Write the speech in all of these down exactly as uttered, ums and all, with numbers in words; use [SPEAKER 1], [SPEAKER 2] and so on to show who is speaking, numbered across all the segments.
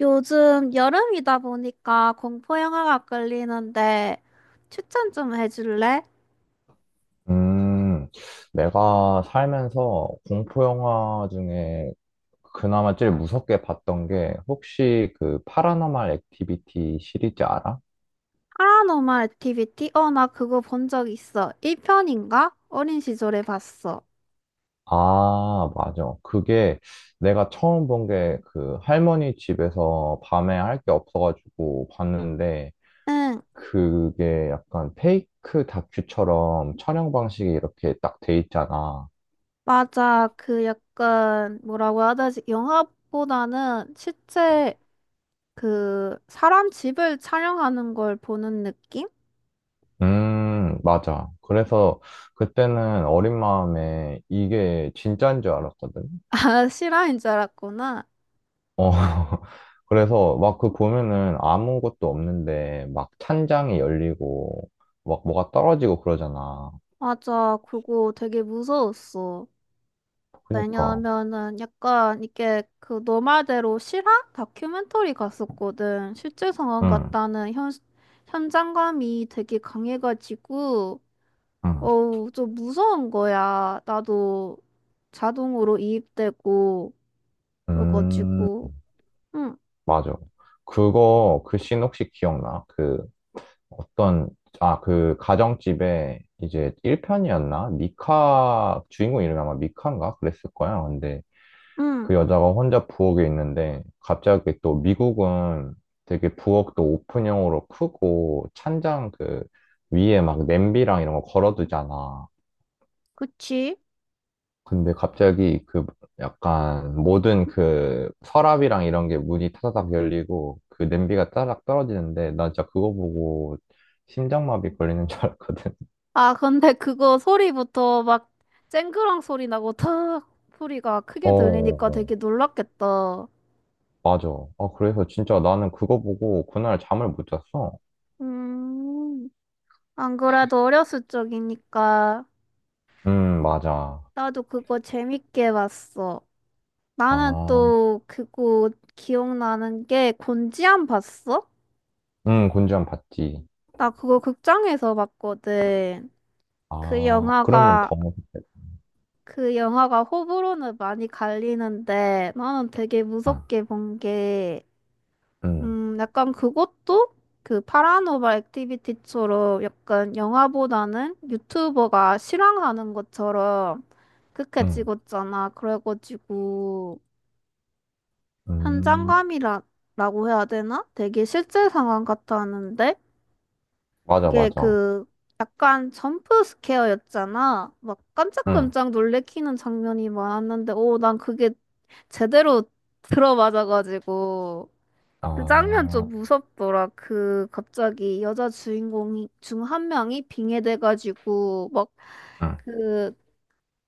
[SPEAKER 1] 요즘 여름이다 보니까 공포 영화가 끌리는데 추천 좀 해줄래?
[SPEAKER 2] 음, 내가 살면서 공포 영화 중에 그나마 제일 무섭게 봤던 게 혹시 그 파라노말 액티비티 시리즈 알아?
[SPEAKER 1] 파라노말 액티비티? 어, 나 그거 본 적 있어. 일 편인가? 어린 시절에 봤어.
[SPEAKER 2] 아, 맞아. 그게 내가 처음 본 게 그 할머니 집에서 밤에 할 게 없어가지고 봤는데
[SPEAKER 1] 응,
[SPEAKER 2] 그게 약간 페이크 다큐처럼 촬영 방식이 이렇게 딱 돼 있잖아.
[SPEAKER 1] 맞아. 그 약간 뭐라고 해야 되지? 영화보다는 실제 그 사람 집을 촬영하는 걸 보는 느낌?
[SPEAKER 2] 음, 맞아. 그래서 그때는 어린 마음에 이게 진짜인 줄 알았거든.
[SPEAKER 1] 아, 실화인 줄 알았구나.
[SPEAKER 2] 어. 그래서 막 그 보면은 아무것도 없는데 막 찬장이 열리고 막 뭐가 떨어지고 그러잖아.
[SPEAKER 1] 맞아. 그거 되게 무서웠어.
[SPEAKER 2] 그니까.
[SPEAKER 1] 왜냐면은 약간 이게 그 너말대로 실화 다큐멘터리 갔었거든. 실제 상황
[SPEAKER 2] 응,
[SPEAKER 1] 같다는 현, 현장감이 되게 강해가지고,
[SPEAKER 2] 응.
[SPEAKER 1] 어우, 좀 무서운 거야. 나도 자동으로 이입되고,
[SPEAKER 2] 음,
[SPEAKER 1] 그래가지고, 응,
[SPEAKER 2] 맞아. 그거, 그 씬 혹시 기억나? 그 어떤, 아, 그 가정집에 이제 일 편이었나? 미카, 주인공 이름이 아마 미카인가? 그랬을 거야. 근데
[SPEAKER 1] 응,
[SPEAKER 2] 그 여자가 혼자 부엌에 있는데 갑자기 또 미국은 되게 부엌도 오픈형으로 크고 찬장 그 위에 막 냄비랑 이런 거 걸어두잖아.
[SPEAKER 1] 그치?
[SPEAKER 2] 근데 갑자기 그 약간 모든 그 서랍이랑 이런 게 문이 타다닥 열리고 그 냄비가 따닥 떨어지는데 나 진짜 그거 보고 심장마비 걸리는 줄 알았거든.
[SPEAKER 1] 아, 근데 그거 소리부터 막 쨍그랑 소리 나고 탁 소리가
[SPEAKER 2] 어,
[SPEAKER 1] 크게 들리니까
[SPEAKER 2] 어,
[SPEAKER 1] 되게 놀랐겠다.
[SPEAKER 2] 맞아. 아, 그래서 진짜 나는 그거 보고 그날 잠을 못 잤어.
[SPEAKER 1] 음. 안 그래도 어렸을 적이니까
[SPEAKER 2] 음, 맞아.
[SPEAKER 1] 나도 그거 재밌게 봤어. 나는
[SPEAKER 2] 아.
[SPEAKER 1] 또 그거 기억나는 게 곤지암 봤어?
[SPEAKER 2] 응, 곤지암 봤지.
[SPEAKER 1] 나 그거 극장에서 봤거든. 그
[SPEAKER 2] 아, 그러면
[SPEAKER 1] 영화가
[SPEAKER 2] 더,
[SPEAKER 1] 그 영화가 호불호는 많이 갈리는데 나는 되게
[SPEAKER 2] 아,
[SPEAKER 1] 무섭게 본게
[SPEAKER 2] 응,
[SPEAKER 1] 음, 약간 그것도 그 파라노멀 액티비티처럼 약간 영화보다는 유튜버가 실황하는 것처럼 그렇게
[SPEAKER 2] 응,
[SPEAKER 1] 찍었잖아. 그래가지고
[SPEAKER 2] 음,
[SPEAKER 1] 현장감이라고 해야 되나? 되게 실제 상황 같았는데
[SPEAKER 2] 맞아,
[SPEAKER 1] 그게
[SPEAKER 2] 맞아.
[SPEAKER 1] 그 약간 점프 스케어였잖아. 막
[SPEAKER 2] 응,
[SPEAKER 1] 깜짝깜짝 놀래키는 장면이 많았는데 오, 난 그게 제대로 들어맞아가지고 그 장면 좀
[SPEAKER 2] 아,
[SPEAKER 1] 무섭더라. 그 갑자기 여자 주인공 중 한 명이 빙해돼가지고 막
[SPEAKER 2] 응,
[SPEAKER 1] 그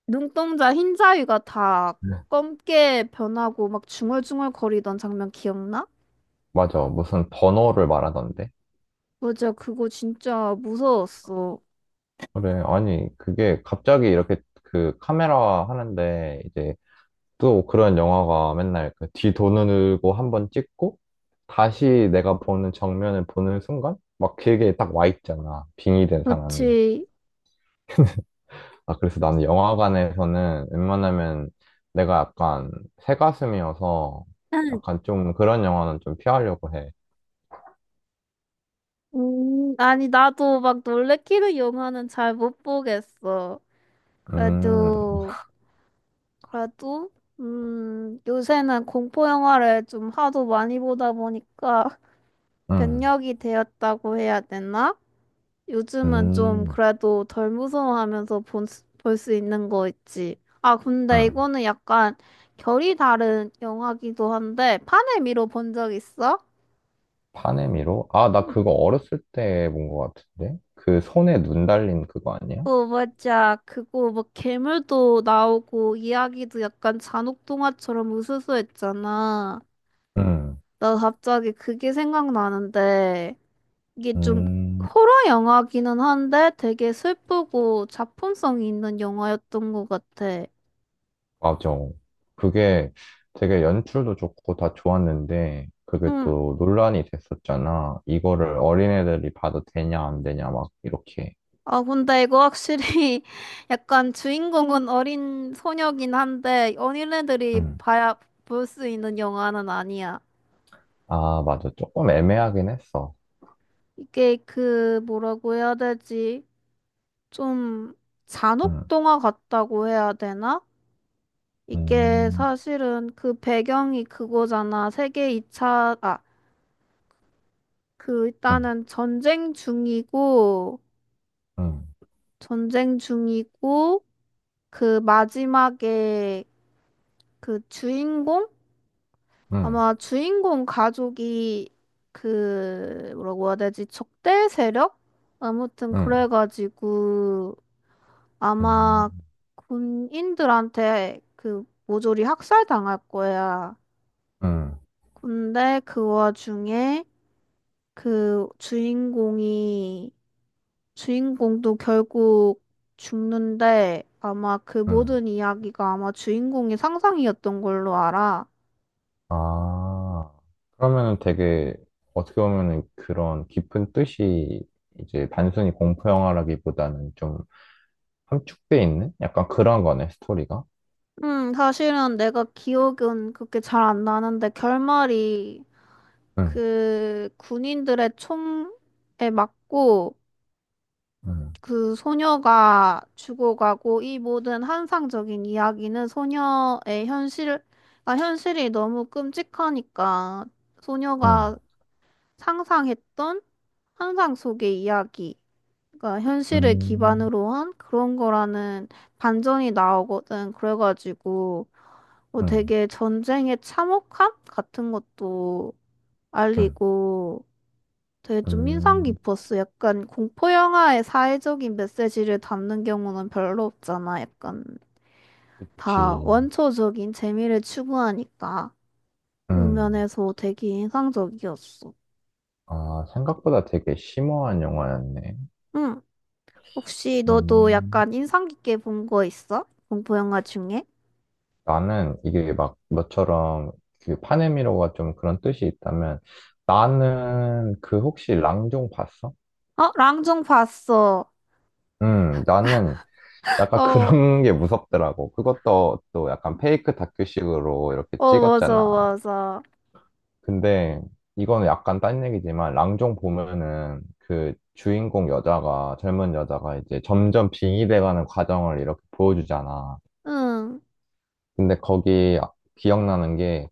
[SPEAKER 1] 눈동자 흰 자위가 다 검게 변하고 막 중얼중얼 거리던 장면 기억나?
[SPEAKER 2] 맞아. 무슨 번호를 말하던데?
[SPEAKER 1] 맞아, 그거 진짜 무서웠어.
[SPEAKER 2] 그래, 아니, 그게 갑자기 이렇게 그 카메라 하는데 이제 또 그런 영화가 맨날 그 뒤도누르고 한번 찍고 다시 내가 보는 정면을 보는 순간 막 길게 딱 와 있잖아. 빙의된 사람이.
[SPEAKER 1] 그렇지.
[SPEAKER 2] 아, 그래서 나는 영화관에서는 웬만하면 내가 약간 새가슴이어서 약간 좀 그런 영화는 좀 피하려고 해.
[SPEAKER 1] 음, 아니 나도 막 놀래키는 영화는 잘 못 보겠어.
[SPEAKER 2] 음,
[SPEAKER 1] 그래도 그래도 음, 요새는 공포 영화를 좀 하도 많이 보다 보니까
[SPEAKER 2] 음,
[SPEAKER 1] 면역이 되었다고 해야 되나? 요즘은 좀
[SPEAKER 2] 음,
[SPEAKER 1] 그래도 덜 무서워하면서 볼 수 있는 거 있지. 아, 근데
[SPEAKER 2] 음.
[SPEAKER 1] 이거는 약간 결이 다른 영화기도 한데 판을 미뤄 본 적 있어?
[SPEAKER 2] 파네미로? 아, 나
[SPEAKER 1] 음,
[SPEAKER 2] 그거 어렸을 때 본 것 같은데? 그 손에 눈 달린 그거 아니야?
[SPEAKER 1] 어, 맞아. 그거 막 괴물도 나오고 이야기도 약간 잔혹 동화처럼 으스스했잖아.
[SPEAKER 2] 음,
[SPEAKER 1] 나 갑자기 그게 생각나는데. 이게 좀
[SPEAKER 2] 음,
[SPEAKER 1] 호러 영화기는 한데 되게 슬프고 작품성이 있는 영화였던 것 같아.
[SPEAKER 2] 맞아. 그게 되게 연출도 좋고 다 좋았는데, 그게
[SPEAKER 1] 응.
[SPEAKER 2] 또 논란이 됐었잖아. 이거를 어린애들이 봐도 되냐, 안 되냐, 막 이렇게.
[SPEAKER 1] 아, 근데 이거 확실히 약간 주인공은 어린 소녀긴 한데 어린애들이 봐야 볼 수 있는 영화는 아니야.
[SPEAKER 2] 아, 맞아. 조금 애매하긴 했어.
[SPEAKER 1] 이게 그 뭐라고 해야 되지? 좀 잔혹
[SPEAKER 2] 응,
[SPEAKER 1] 동화 같다고 해야 되나? 이게
[SPEAKER 2] 음,
[SPEAKER 1] 사실은 그 배경이 그거잖아. 세계 이 차, 그
[SPEAKER 2] 응,
[SPEAKER 1] 일단은 전쟁 중이고
[SPEAKER 2] 응,
[SPEAKER 1] 전쟁 중이고 그 마지막에 그 주인공
[SPEAKER 2] 응,
[SPEAKER 1] 아마 주인공 가족이 그 뭐라고 해야 되지 적대 세력 아무튼
[SPEAKER 2] 응,
[SPEAKER 1] 그래가지고
[SPEAKER 2] 음,
[SPEAKER 1] 아마 군인들한테 그 모조리 학살당할 거야.
[SPEAKER 2] 응,
[SPEAKER 1] 근데 그 와중에 그 주인공이 주인공도 결국 죽는데 아마 그
[SPEAKER 2] 응.
[SPEAKER 1] 모든 이야기가 아마 주인공의 상상이었던 걸로 알아.
[SPEAKER 2] 아, 그러면은 되게, 어떻게 보면은 그런 깊은 뜻이 이제 단순히 공포 영화라기보다는 좀 함축돼 있는? 약간 그런 거네, 스토리가.
[SPEAKER 1] 음, 사실은 내가 기억은 그렇게 잘 안 나는데 결말이
[SPEAKER 2] 응,
[SPEAKER 1] 그 군인들의 총에 맞고
[SPEAKER 2] 응,
[SPEAKER 1] 그 소녀가 죽어가고 이 모든 환상적인 이야기는 소녀의 현실, 아, 현실이 너무 끔찍하니까
[SPEAKER 2] 응,
[SPEAKER 1] 소녀가 상상했던 환상 속의 이야기. 그러니까 현실을
[SPEAKER 2] 응,
[SPEAKER 1] 기반으로 한 그런 거라는 반전이 나오거든. 그래가지고 뭐
[SPEAKER 2] 응,
[SPEAKER 1] 되게 전쟁의 참혹함 같은 것도
[SPEAKER 2] 응,
[SPEAKER 1] 알리고 되게 좀 인상
[SPEAKER 2] 응,
[SPEAKER 1] 깊었어. 약간 공포 영화의 사회적인 메시지를 담는 경우는 별로 없잖아. 약간 다
[SPEAKER 2] 그치.
[SPEAKER 1] 원초적인 재미를 추구하니까 그런
[SPEAKER 2] 응.
[SPEAKER 1] 면에서 되게 인상적이었어.
[SPEAKER 2] 아, 생각보다 되게 심오한 영화였네.
[SPEAKER 1] 응. 혹시 너도
[SPEAKER 2] 음.
[SPEAKER 1] 약간 인상 깊게 본 거 있어? 공포 영화 중에?
[SPEAKER 2] 나는 이게 막 너처럼 그 파네미로가 좀 그런 뜻이 있다면 나는 그 혹시 랑종 봤어?
[SPEAKER 1] 어, 랑중 봤어.
[SPEAKER 2] 음, 나는 약간
[SPEAKER 1] 어,
[SPEAKER 2] 그런 게 무섭더라고. 그것도 또 약간 페이크 다큐식으로 이렇게
[SPEAKER 1] 어, 맞아,
[SPEAKER 2] 찍었잖아.
[SPEAKER 1] 맞아.
[SPEAKER 2] 근데 이거는 약간 딴 얘기지만 랑종 보면은 그 주인공 여자가 젊은 여자가 이제 점점 빙의돼가는 과정을 이렇게 보여주잖아.
[SPEAKER 1] 응,
[SPEAKER 2] 근데 거기 아- 기억나는 게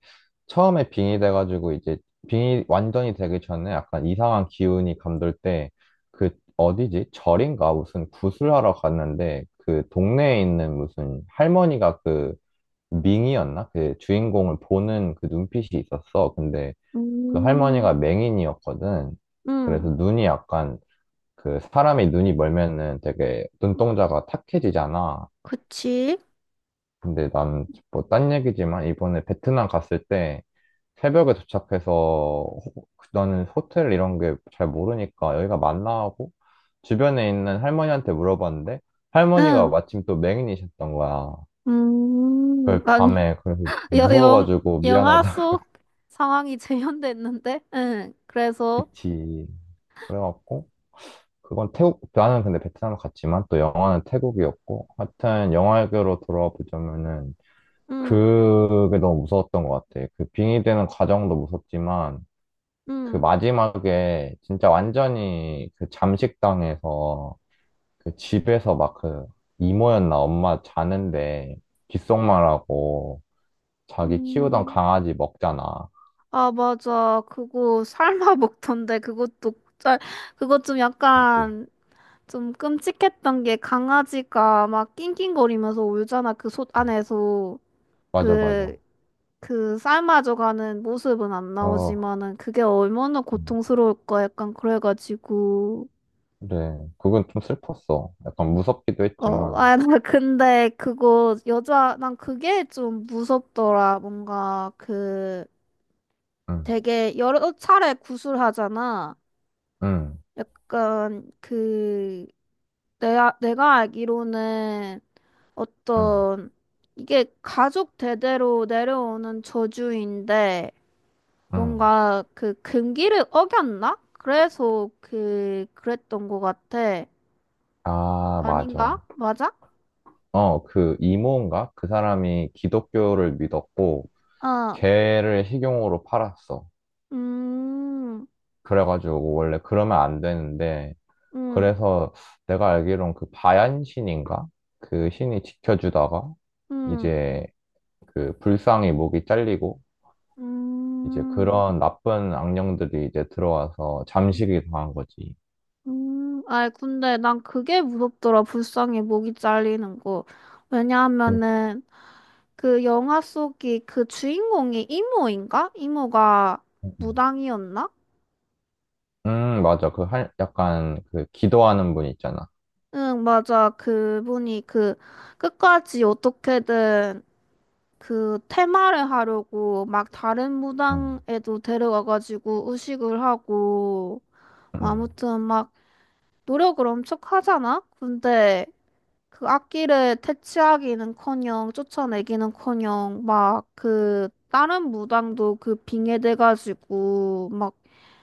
[SPEAKER 2] 처음에 빙이 돼가지고 이제 빙이 완전히 되기 전에 약간 이상한 기운이 감돌 때 그 어디지? 절인가? 무슨 구슬하러 갔는데 그 동네에 있는 무슨 할머니가 그 밍이었나? 그 주인공을 보는 그 눈빛이 있었어. 근데 그
[SPEAKER 1] 음,
[SPEAKER 2] 할머니가 맹인이었거든. 그래서
[SPEAKER 1] 응,
[SPEAKER 2] 눈이 약간 그 사람이 눈이 멀면은 되게 눈동자가 탁해지잖아.
[SPEAKER 1] 그치?
[SPEAKER 2] 근데 난 뭐 딴 얘기지만 이번에 베트남 갔을 때 새벽에 도착해서 호- 나는 호텔 이런 게 잘 모르니까 여기가 맞나 하고 주변에 있는 할머니한테 물어봤는데 할머니가
[SPEAKER 1] 응,
[SPEAKER 2] 마침 또 맹인이셨던 거야.
[SPEAKER 1] 음,
[SPEAKER 2] 그걸
[SPEAKER 1] 아니,
[SPEAKER 2] 밤에 그래서
[SPEAKER 1] 여, 영,
[SPEAKER 2] 무서워가지고
[SPEAKER 1] 영화
[SPEAKER 2] 미안하다.
[SPEAKER 1] 속 상황이 재현됐는데? 응, 그래서,
[SPEAKER 2] 그치. 그래갖고 그건 태국 나는 근데 베트남을 갔지만 또 영화는 태국이었고 하여튼 영화계로 돌아와 보자면은
[SPEAKER 1] 응,
[SPEAKER 2] 그게 너무 무서웠던 것 같아. 그 빙의되는 과정도 무섭지만 그
[SPEAKER 1] 응.
[SPEAKER 2] 마지막에 진짜 완전히 그 잠식당에서 그 집에서 막 그 이모였나 엄마 자는데 귓속말하고 자기 키우던
[SPEAKER 1] 음,
[SPEAKER 2] 강아지 먹잖아.
[SPEAKER 1] 아, 맞아. 그거 삶아 먹던데, 그것도, 짤, 그것 좀
[SPEAKER 2] 맞아.
[SPEAKER 1] 약간, 좀 끔찍했던 게 강아지가 막 낑낑거리면서 울잖아, 그 솥 안에서.
[SPEAKER 2] 맞아, 맞아.
[SPEAKER 1] 그, 그 삶아져가는 모습은 안
[SPEAKER 2] 어,
[SPEAKER 1] 나오지만은 그게 얼마나
[SPEAKER 2] 음,
[SPEAKER 1] 고통스러울까 약간 그래가지고
[SPEAKER 2] 그래. 그건 좀 슬펐어. 약간 무섭기도
[SPEAKER 1] 어,
[SPEAKER 2] 했지만.
[SPEAKER 1] 아, 나 근데 그거 여자 난 그게 좀 무섭더라. 뭔가 그
[SPEAKER 2] 응,
[SPEAKER 1] 되게 여러 차례 구술하잖아.
[SPEAKER 2] 응,
[SPEAKER 1] 약간 그 내가 내가 알기로는
[SPEAKER 2] 응,
[SPEAKER 1] 어떤 이게 가족 대대로 내려오는 저주인데
[SPEAKER 2] 응.
[SPEAKER 1] 뭔가 그 금기를 어겼나? 그래서 그 그랬던 것 같아.
[SPEAKER 2] 아,
[SPEAKER 1] 아닌가?
[SPEAKER 2] 맞아.
[SPEAKER 1] 맞아?
[SPEAKER 2] 어, 그 이모인가? 그 사람이 기독교를 믿었고,
[SPEAKER 1] 어.
[SPEAKER 2] 개를 식용으로 팔았어.
[SPEAKER 1] 음.
[SPEAKER 2] 그래가지고 원래 그러면 안 되는데
[SPEAKER 1] 음.
[SPEAKER 2] 그래서 내가 알기론 그 바얀 신인가? 그 신이 지켜주다가
[SPEAKER 1] 음.
[SPEAKER 2] 이제 그 불쌍히 목이 잘리고 이제
[SPEAKER 1] 음.
[SPEAKER 2] 그런 나쁜 악령들이 이제 들어와서 잠식이 당한 거지.
[SPEAKER 1] 음. 아이 근데 난 그게 무섭더라. 불쌍해 목이 잘리는 거.
[SPEAKER 2] 그,
[SPEAKER 1] 왜냐하면은 그 영화 속이 그 주인공이 이모인가? 이모가
[SPEAKER 2] 음,
[SPEAKER 1] 무당이었나?
[SPEAKER 2] 음, 맞아. 그 할, 약간 그 기도하는 분 있잖아.
[SPEAKER 1] 응, 맞아. 그분이 그 끝까지 어떻게든 그 테마를 하려고 막 다른
[SPEAKER 2] 음,
[SPEAKER 1] 무당에도 데려가가지고 의식을 하고 뭐
[SPEAKER 2] 음,
[SPEAKER 1] 아무튼 막 노력을 엄청 하잖아? 근데 그 악기를 퇴치하기는커녕 쫓아내기는커녕 막 그 다른 무당도 그 빙의돼가지고 막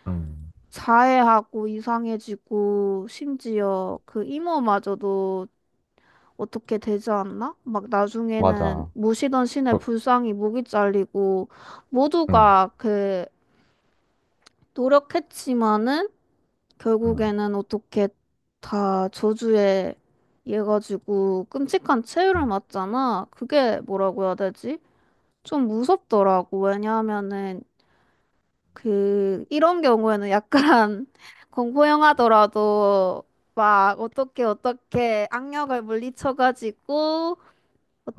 [SPEAKER 2] 음,
[SPEAKER 1] 자해하고 이상해지고 심지어 그 이모마저도 어떻게 되지 않나? 막 나중에는
[SPEAKER 2] 맞아.
[SPEAKER 1] 모시던 신의
[SPEAKER 2] 그-
[SPEAKER 1] 불상이 목이 잘리고
[SPEAKER 2] 음,
[SPEAKER 1] 모두가 그 노력했지만은
[SPEAKER 2] 음,
[SPEAKER 1] 결국에는 어떻게 다 저주에 의해 가지고 끔찍한 최후를
[SPEAKER 2] 음,
[SPEAKER 1] 맞잖아. 그게 뭐라고 해야 되지? 좀 무섭더라고. 왜냐하면은 그 이런 경우에는 약간 공포 영화더라도 막 어떻게 어떻게 악력을 물리쳐가지고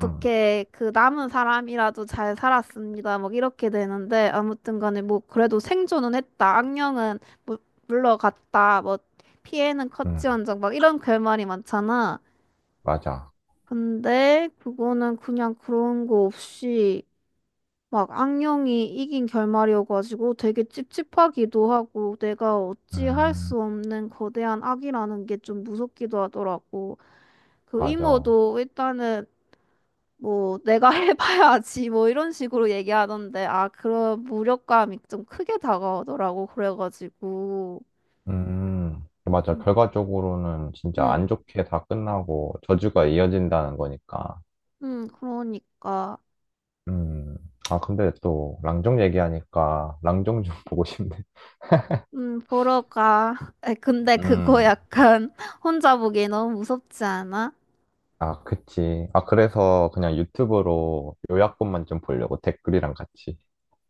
[SPEAKER 2] 음,
[SPEAKER 1] 그 남은 사람이라도 잘 살았습니다. 막 이렇게 되는데 아무튼 간에 뭐 그래도 생존은 했다. 악령은 물- 물러갔다. 뭐 피해는
[SPEAKER 2] 음,
[SPEAKER 1] 컸지언정 막 이런 결말이 많잖아.
[SPEAKER 2] 맞아.
[SPEAKER 1] 근데 그거는 그냥 그런 거 없이 막 악령이 이긴 결말이어가지고 되게 찝찝하기도 하고 내가 어찌 할
[SPEAKER 2] 음.
[SPEAKER 1] 수 없는 거대한 악이라는 게 좀 무섭기도 하더라고. 그
[SPEAKER 2] 맞아.
[SPEAKER 1] 이모도 일단은 뭐 내가 해봐야지 뭐 이런 식으로 얘기하던데 아 그런 무력감이 좀 크게 다가오더라고 그래가지고
[SPEAKER 2] 음, 음. 맞아. 결과적으로는 진짜
[SPEAKER 1] 응,
[SPEAKER 2] 안 좋게 다 끝나고 저주가 이어진다는 거니까.
[SPEAKER 1] 응, 그러니까
[SPEAKER 2] 음, 아, 근데 또 랑종 얘기하니까 랑종 좀 보고 싶네.
[SPEAKER 1] 음 보러 가. 에, 근데 그거
[SPEAKER 2] 음,
[SPEAKER 1] 약간 혼자 보기 너무 무섭지 않아?
[SPEAKER 2] 아, 그치. 아, 그래서 그냥 유튜브로 요약본만 좀 보려고 댓글이랑 같이.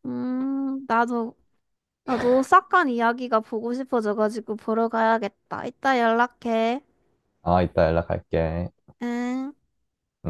[SPEAKER 1] 음 나도 나도 오사카 이야기가 보고 싶어져가지고 보러 가야겠다. 이따 연락해.
[SPEAKER 2] 아, 이따 연락할게.
[SPEAKER 1] 응